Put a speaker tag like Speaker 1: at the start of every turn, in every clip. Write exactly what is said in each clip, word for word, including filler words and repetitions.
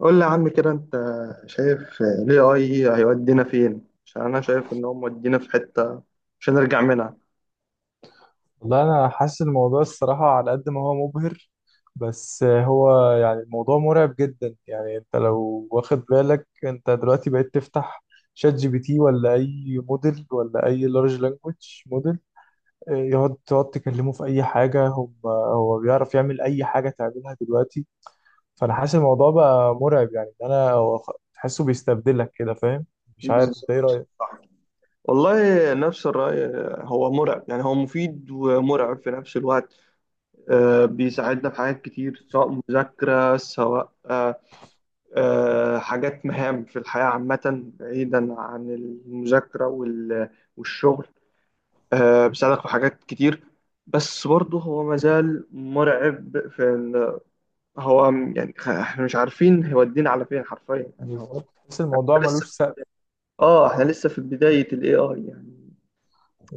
Speaker 1: قول لي يا عم كده انت شايف ال إيه آي هيودينا فين؟ عشان انا شايف ان هو مودينا في حتة مش هنرجع منها.
Speaker 2: والله انا حاسس الموضوع الصراحه على قد ما هو مبهر. بس هو يعني الموضوع مرعب جدا. يعني انت لو واخد بالك انت دلوقتي بقيت تفتح شات جي بي تي ولا اي موديل ولا اي لارج لانجوج موديل، يقعد تقعد تكلمه في اي حاجه، هم هو بيعرف يعمل اي حاجه تعملها دلوقتي. فانا حاسس الموضوع بقى مرعب، يعني إن انا هو خ- تحسه بيستبدلك كده، فاهم؟ مش عارف انت ايه
Speaker 1: بالظبط،
Speaker 2: رايك.
Speaker 1: صح. والله نفس الرأي. هو مرعب، يعني هو مفيد ومرعب في نفس الوقت. آه، بيساعدنا في حاجات كتير سواء مذاكرة سواء آه، آه، حاجات مهام في الحياة عامة بعيدا عن المذاكرة وال- والشغل. آه، بيساعدك في حاجات كتير. بس برضه هو مازال مرعب في هو م- يعني خ- احنا مش عارفين هيودينا على فين حرفيا، يعني هو.
Speaker 2: بالظبط، تحس
Speaker 1: احنا
Speaker 2: الموضوع
Speaker 1: كنا لسه
Speaker 2: ملوش سقف.
Speaker 1: في اه احنا لسه في بداية الاي اي يعني.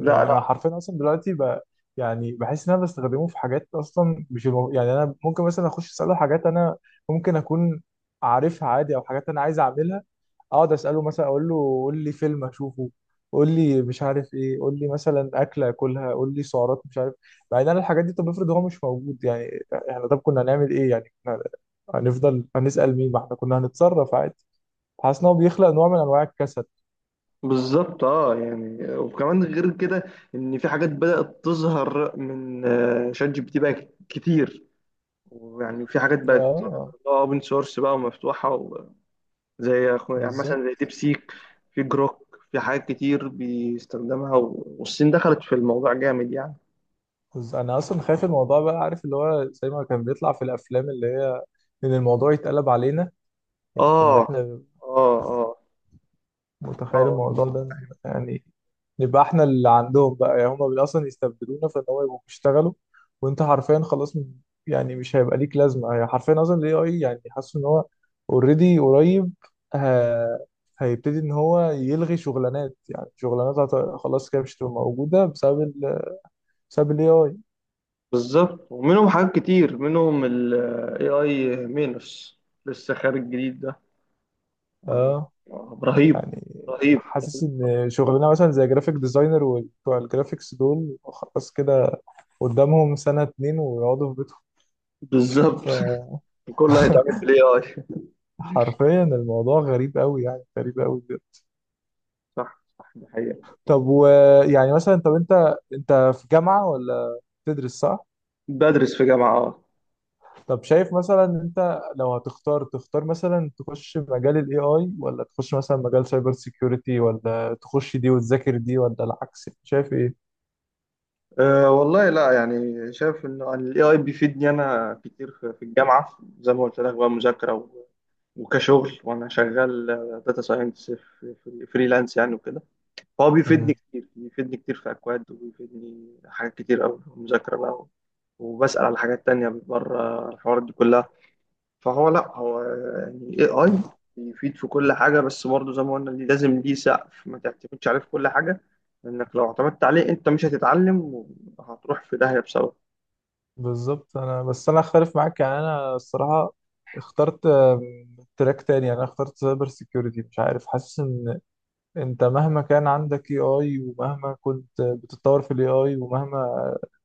Speaker 1: لا لا.
Speaker 2: انا حرفيا اصلا دلوقتي ب... يعني بحس ان انا بستخدمه في حاجات اصلا مش المو... يعني انا ممكن مثلا اخش اساله حاجات انا ممكن اكون عارفها عادي، او حاجات انا عايز اعملها. اقعد اساله، مثلا اقول له قول لي فيلم اشوفه، قول لي مش عارف ايه، قول لي مثلا اكله اكلها، قول لي سعرات مش عارف. بعدين انا الحاجات دي، طب افرض هو مش موجود، يعني احنا طب كنا هنعمل ايه؟ يعني كنا هنفضل هنسال مين؟ ما احنا كنا هنتصرف عادي. حاسس ان هو بيخلق نوع من انواع الكسل.
Speaker 1: بالظبط، اه يعني وكمان غير كده ان في حاجات بدأت تظهر من آه، شات جي بي تي بقى ك- كتير. ويعني في حاجات بقت
Speaker 2: اه،
Speaker 1: اوبن سورس بقى ومفتوحة و- زي أخو- يعني مثلا
Speaker 2: بالظبط.
Speaker 1: زي ديب سيك. في جروك، في حاجات كتير بيستخدمها و- والصين دخلت في الموضوع جامد يعني.
Speaker 2: بس انا اصلا خايف الموضوع، بقى عارف اللي هو زي ما كان بيطلع في الافلام، اللي هي ان الموضوع يتقلب علينا. يعني ان
Speaker 1: اه
Speaker 2: احنا
Speaker 1: اه اه
Speaker 2: متخيل
Speaker 1: اه.
Speaker 2: الموضوع ده؟ يعني نبقى احنا اللي عندهم بقى، يعني هم اصلا يستبدلونا، فان هم يبقوا بيشتغلوا وانت حرفيا خلاص م- يعني مش هيبقى ليك لازمه، يعني حرفيا اصلا الاي اي، يعني حاسس ان هو اوريدي قريب ه- هيبتدي ان هو يلغي شغلانات. يعني شغلانات هت- خلاص كده مش هتبقى موجوده، بسبب ال بسبب الاي اي.
Speaker 1: بالظبط، ومنهم حاجات كتير منهم ال A I مينوس لسه خارج جديد ده. آه،
Speaker 2: اه.
Speaker 1: آه، رهيب،
Speaker 2: يعني
Speaker 1: رهيب
Speaker 2: حاسس
Speaker 1: رهيب.
Speaker 2: ان شغلنا مثلا زي جرافيك ديزاينر وبتوع الجرافيكس دول خلاص كده، قدامهم سنة اتنين ويقعدوا في بيتهم.
Speaker 1: بالظبط كله هيتعمل بال إيه آي.
Speaker 2: فحرفيا الموضوع غريب قوي، يعني غريب قوي بجد.
Speaker 1: صح صح، دي حقيقة.
Speaker 2: طب ويعني مثلا، طب انت انت في جامعة ولا تدرس، صح؟
Speaker 1: بدرس في جامعة اه
Speaker 2: طب شايف مثلا، انت لو هتختار تختار مثلا تخش مجال الاي اي، ولا تخش مثلا مجال سايبر سيكيورتي، ولا تخش دي وتذاكر دي ولا العكس، شايف
Speaker 1: آه، والله لا، يعني شايف انه ال إيه آي بيفيدني انا كتير في في الجامعة زي ما قلت لك بقى مذاكرة و- وكشغل، وانا شغال داتا ساينس في فريلانس يعني وكده. هو بيفيدني
Speaker 2: ايه؟
Speaker 1: كتير، بيفيدني كتير في أكواد، وبيفيدني حاجات كتير أوي مذاكرة بقى، وبسأل على حاجات تانية بره الحوارات دي كلها. فهو، لأ، هو يعني إيه آي بيفيد في كل حاجة، بس برضه زي ما قلنا ليه- لازم ليه سقف، ما تعتمدش عليه في كل حاجة. لأنك لو اعتمدت عليه أنت مش هتتعلم، وهتروح في داهية بسببه.
Speaker 2: بالظبط. انا بس انا اختلف معاك، يعني انا الصراحه اخترت آم، تراك تاني. يعني انا اخترت سايبر سيكيورتي، مش عارف، حاسس ان انت مهما كان عندك اي اي، ومهما كنت بتتطور في الاي اي، ومهما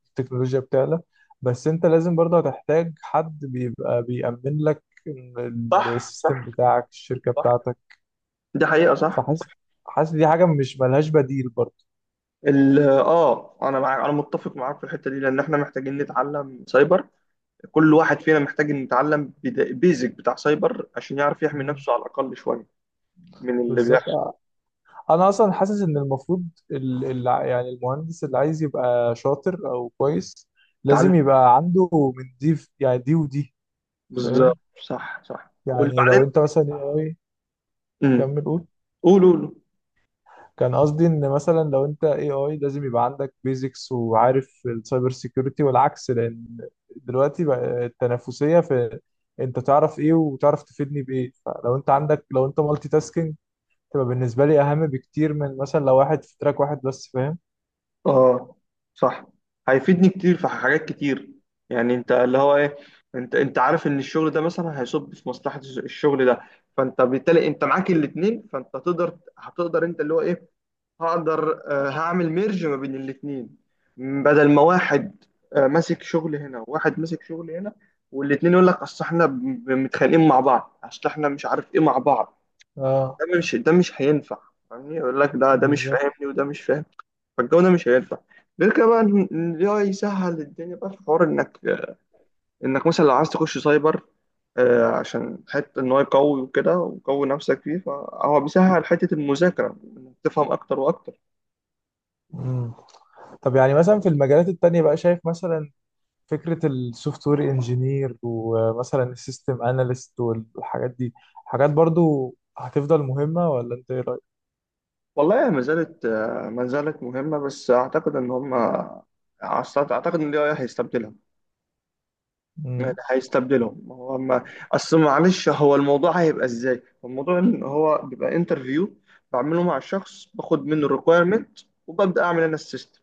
Speaker 2: التكنولوجيا بتعلى، بس انت لازم برضه هتحتاج حد بيبقى بيأمن لك ال-
Speaker 1: صح صح
Speaker 2: السيستم بتاعك، الشركه
Speaker 1: صح،
Speaker 2: بتاعتك.
Speaker 1: دي حقيقة، صح.
Speaker 2: فحاسس حاسس دي حاجه مش ملهاش بديل برضه.
Speaker 1: ال- اه انا معاك، انا متفق معاك في الحته دي، لان احنا محتاجين نتعلم سايبر. كل واحد فينا محتاج إن يتعلم بيزك بتاع سايبر عشان يعرف يحمي
Speaker 2: مم.
Speaker 1: نفسه على الأقل شوية من اللي
Speaker 2: بالظبط.
Speaker 1: بيحصل.
Speaker 2: انا اصلا حاسس ان المفروض ال... ال... يعني المهندس اللي عايز يبقى شاطر او كويس
Speaker 1: يتعلم.
Speaker 2: لازم يبقى عنده من دي في- يعني دي ودي،
Speaker 1: بالظبط.
Speaker 2: فاهم.
Speaker 1: صح صح،
Speaker 2: يعني
Speaker 1: وبعدين
Speaker 2: لو انت مثلا اي اي،
Speaker 1: امم
Speaker 2: كمل قول.
Speaker 1: قول قول.
Speaker 2: كان قصدي ان مثلا لو انت اي اي لازم يبقى عندك بيزكس وعارف السايبر سيكيورتي، والعكس. لان دلوقتي بقى التنافسية في انت تعرف ايه وتعرف تفيدني بايه. فلو انت عندك، لو انت مالتي تاسكينج، تبقى بالنسبة لي اهم بكتير من مثلا لو واحد في تراك واحد بس، فاهم.
Speaker 1: اه، صح. هيفيدني كتير في حاجات كتير، يعني انت اللي هو ايه، انت انت عارف ان الشغل ده مثلا هيصب في مصلحة الشغل ده، فانت بالتالي انت معاك الاتنين، فانت تقدر هتقدر انت اللي هو ايه، هقدر آه، هعمل ميرج ما بين الاتنين، م- بدل ما واحد آه، ماسك شغل هنا وواحد ماسك شغل هنا، والاتنين يقول لك اصل احنا ب- ب- متخانقين مع بعض، اصل احنا مش عارف ايه مع بعض.
Speaker 2: اه،
Speaker 1: ده مش ده مش هينفع. فاهمني، يقول لك ده ده مش
Speaker 2: بالظبط.
Speaker 1: فاهمني، وده مش فاهم. فالجو ده مش هينفع. غير كده بقى إن- إن ال إيه آي يسهل الدنيا بقى في حوار انك آه، انك مثلا لو عايز تخش سايبر، آه، عشان حتة إن هو يقوي وكده، وقوي نفسك فيه، فهو بيسهل حتة المذاكرة إنك تفهم أكتر وأكتر.
Speaker 2: مم. طب يعني مثلا في المجالات التانية بقى، شايف مثلا فكرة السوفت وير انجينير ومثلا السيستم اناليست والحاجات دي، حاجات برضو هتفضل مهمة ولا انت ايه رأيك؟
Speaker 1: والله ما زالت ما زالت مهمة، بس أعتقد إن هم أعتقد أعتقد إن ال إيه آي هيستبدلها، يعني
Speaker 2: مم.
Speaker 1: هيستبدلهم. هو ما أصل، معلش، هو الموضوع هيبقى إزاي؟ الموضوع إن هو بيبقى انترفيو بعمله مع الشخص، باخد منه الريكويرمنت وببدأ أعمل أنا السيستم.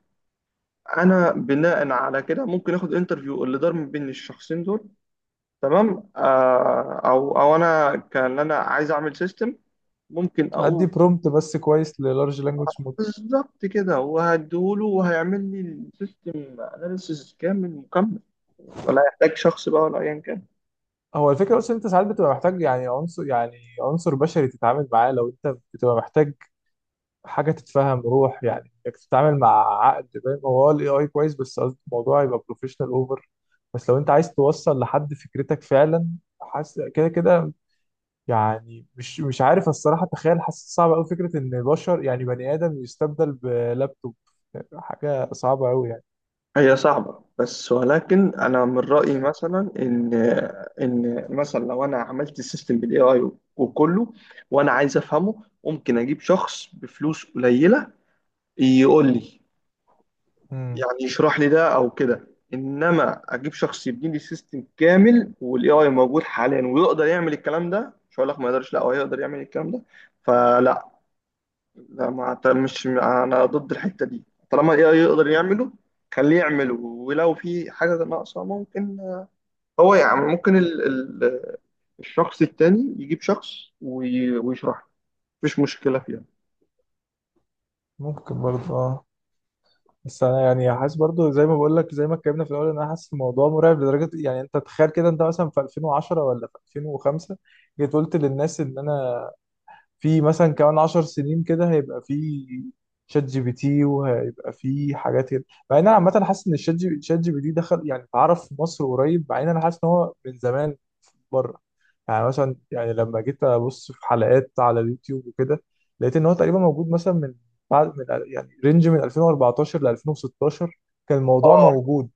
Speaker 1: أنا بناء على كده ممكن آخد انترفيو اللي دار ما بين الشخصين دول، تمام. آه أو أو أنا كان أنا عايز أعمل سيستم، ممكن
Speaker 2: ادي
Speaker 1: أقول
Speaker 2: برومبت بس كويس للارج لانجوج مود.
Speaker 1: بالظبط كده وهديهوله، وهيعمل لي السيستم اناليسيس كامل مكمل، ولا يحتاج شخص بقى، ولا ايا كان.
Speaker 2: هو الفكرة بس إن انت ساعات بتبقى محتاج، يعني عنصر يعني عنصر بشري تتعامل معاه، لو انت بتبقى محتاج حاجه تتفهم روح. يعني انك تتعامل مع عقد، فاهم. هو الاي اي كويس، بس قصدي الموضوع يبقى بروفيشنال اوفر، بس لو انت عايز توصل لحد فكرتك فعلا، حاسس كده كده. يعني مش مش عارف الصراحه، تخيل، حاسس صعب قوي فكره ان بشر، يعني بني ادم، يستبدل بلابتوب. حاجه صعبه قوي يعني.
Speaker 1: هي صعبة، بس ولكن انا من رأيي مثلا ان ان مثلا لو انا عملت السيستم بالاي اي وكله، وانا عايز افهمه، ممكن اجيب شخص بفلوس قليلة يقول لي،
Speaker 2: امم
Speaker 1: يعني يشرح لي ده او كده. انما اجيب شخص يبني لي سيستم كامل، والاي اي موجود حاليا ويقدر يعمل الكلام ده، مش هقول لك ما يقدرش، لا هو يقدر يعمل الكلام ده. فلا، لا ما أعت- مش انا ضد الحته دي. طالما الاي اي يقدر يعمله خليه يعمله، ولو في حاجه ناقصه ممكن هو، يعني ممكن ال ال الشخص التاني يجيب شخص وي- ويشرح له، مفيش مشكله فيها.
Speaker 2: ممكن برضه. اه. بس انا يعني حاسس برضه، زي ما بقول لك، زي ما اتكلمنا في الاول، ان انا حاسس الموضوع مرعب لدرجه. يعني انت تخيل كده، انت مثلا في ألفين وعشرة ولا في ألفين وخمسة جيت قلت للناس ان انا في مثلا كمان عشر سنين كده هيبقى في شات جي بي تي، وهيبقى في حاجات كده. مع ان انا عامه حاسس ان الشات جي شات جي بي تي دخل يعني اتعرف في مصر قريب، مع ان انا حاسس ان هو من زمان بره. يعني مثلا، يعني لما جيت ابص في حلقات على اليوتيوب وكده، لقيت ان هو تقريبا موجود مثلا من بعد من، يعني رينج من ألفين وأربعة عشر ل ألفين وستة عشر كان الموضوع
Speaker 1: اه
Speaker 2: موجود.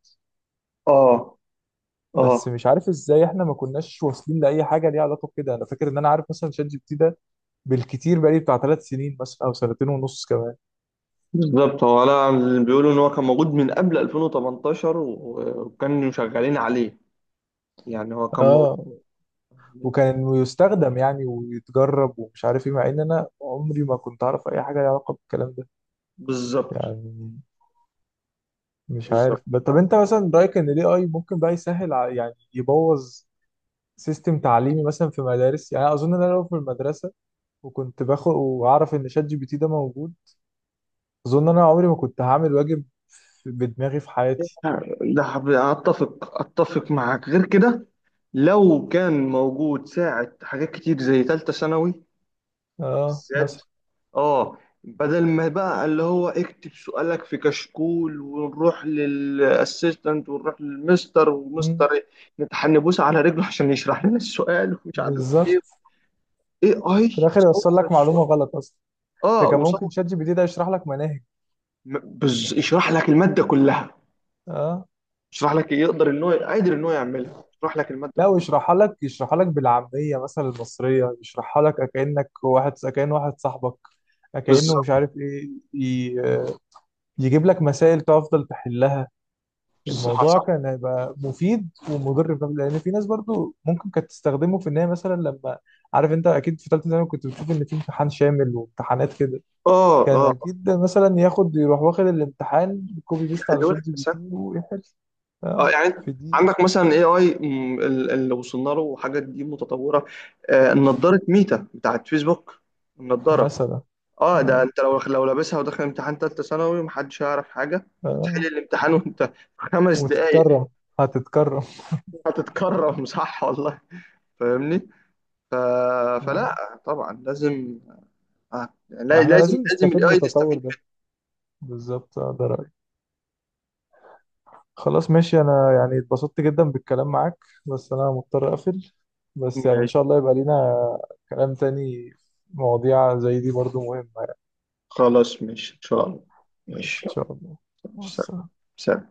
Speaker 1: اه اه،
Speaker 2: بس مش عارف ازاي احنا ما كناش واصلين لاي حاجه ليها علاقه بكده. انا فاكر ان انا عارف مثلا شات جي بي تي ده بالكتير بقالي بتاع ثلاث سنين مثلا او سنتين ونص كمان.
Speaker 1: بالظبط. هو انا بيقولوا ان هو كان موجود من قبل ألفين وتمنتاشر و- وكانوا شغالين عليه، يعني هو كان موجود.
Speaker 2: اه، وكان يستخدم يعني ويتجرب ومش عارف ايه، مع ان انا عمري ما كنت اعرف اي حاجه ليها علاقه بالكلام ده.
Speaker 1: بالظبط
Speaker 2: يعني مش
Speaker 1: بالظبط.
Speaker 2: عارف ب- طب انت مثلا رايك ان الاي اي ممكن بقى يسهل ع- يعني يبوظ سيستم تعليمي مثلا في مدارس. يعني أنا اظن ان انا لو في المدرسه وكنت باخد واعرف ان شات جي بي تي ده موجود، اظن انا عمري ما كنت هعمل واجب في- بدماغي في حياتي.
Speaker 1: ده حب- اتفق اتفق معاك. غير كده، لو كان موجود ساعة حاجات كتير زي تالتة ثانوي
Speaker 2: اه،
Speaker 1: بالذات،
Speaker 2: مثلا.
Speaker 1: اه، بدل ما بقى اللي هو اكتب سؤالك في كشكول، ونروح للاسيستنت، ونروح للمستر،
Speaker 2: مم.
Speaker 1: ومستر إيه، نتحنبوس على رجله عشان يشرح لنا السؤال ومش عارف ايه،
Speaker 2: بالظبط،
Speaker 1: اي اي
Speaker 2: في الاخر يوصل
Speaker 1: صور
Speaker 2: لك معلومه
Speaker 1: الصور.
Speaker 2: غلط اصلا.
Speaker 1: اه،
Speaker 2: انت كان ممكن
Speaker 1: وصور.
Speaker 2: شات جي بي تي ده يشرح لك مناهج.
Speaker 1: م- بز... يشرح لك الماده كلها.
Speaker 2: اه.
Speaker 1: يشرح لك يقدر ان هو قادر ان هو يعملها، يشرح لك الماده
Speaker 2: لا،
Speaker 1: كلها.
Speaker 2: ويشرحها لك، يشرحها لك بالعاميه مثلا المصريه، يشرحها لك كانك واحد كان واحد صاحبك، كانه
Speaker 1: بالظبط،
Speaker 2: مش عارف ايه. ي- يجيب لك مسائل تفضل تحلها.
Speaker 1: بالظبط
Speaker 2: الموضوع
Speaker 1: صح.
Speaker 2: كان هيبقى مفيد ومضر في نفس- لان في ناس برضو ممكن كانت تستخدمه في ان هي مثلا لما، عارف انت اكيد في ثالثه ثانوي كنت بتشوف ان في امتحان شامل وامتحانات كده،
Speaker 1: اه
Speaker 2: كان
Speaker 1: اه.
Speaker 2: اكيد مثلا ياخد يروح واخد الامتحان كوبي بيست على
Speaker 1: يحلوا
Speaker 2: شات
Speaker 1: لك
Speaker 2: جي بي
Speaker 1: مثلا.
Speaker 2: تي ويحل.
Speaker 1: اه،
Speaker 2: اه،
Speaker 1: يعني أنت
Speaker 2: في دقيقه
Speaker 1: عندك مثلا اي اي اللي وصلنا له، حاجات دي متطوره. آه نظاره ميتا بتاعت فيسبوك، النظاره.
Speaker 2: مثلا.
Speaker 1: اه، ده
Speaker 2: آه.
Speaker 1: انت لو لو لابسها وداخل امتحان ثالثه ثانوي، محدش هيعرف حاجه. هتحل
Speaker 2: آه.
Speaker 1: الامتحان وانت في خمس دقايق.
Speaker 2: وتتكرم. هتتكرم.
Speaker 1: هتتكرم، صح والله. فاهمني. ف...
Speaker 2: آه.
Speaker 1: فلا طبعا لازم. آه. لا،
Speaker 2: يعني احنا
Speaker 1: لازم
Speaker 2: لازم
Speaker 1: لازم
Speaker 2: نستفيد
Speaker 1: الاي
Speaker 2: بالتطور
Speaker 1: تستفيد
Speaker 2: ده. بالظبط، آه، ده رأيي. خلاص ماشي، انا يعني اتبسطت جدا بالكلام معاك، بس انا مضطر اقفل.
Speaker 1: منه.
Speaker 2: بس يعني ان
Speaker 1: ماشي.
Speaker 2: شاء الله يبقى لينا كلام تاني، مواضيع زي دي برضو مهمة يعني.
Speaker 1: خلاص ماشي، ان شاء الله.
Speaker 2: ان
Speaker 1: ماشي.
Speaker 2: شاء الله. مع
Speaker 1: سلام.
Speaker 2: السلامة.
Speaker 1: سلام.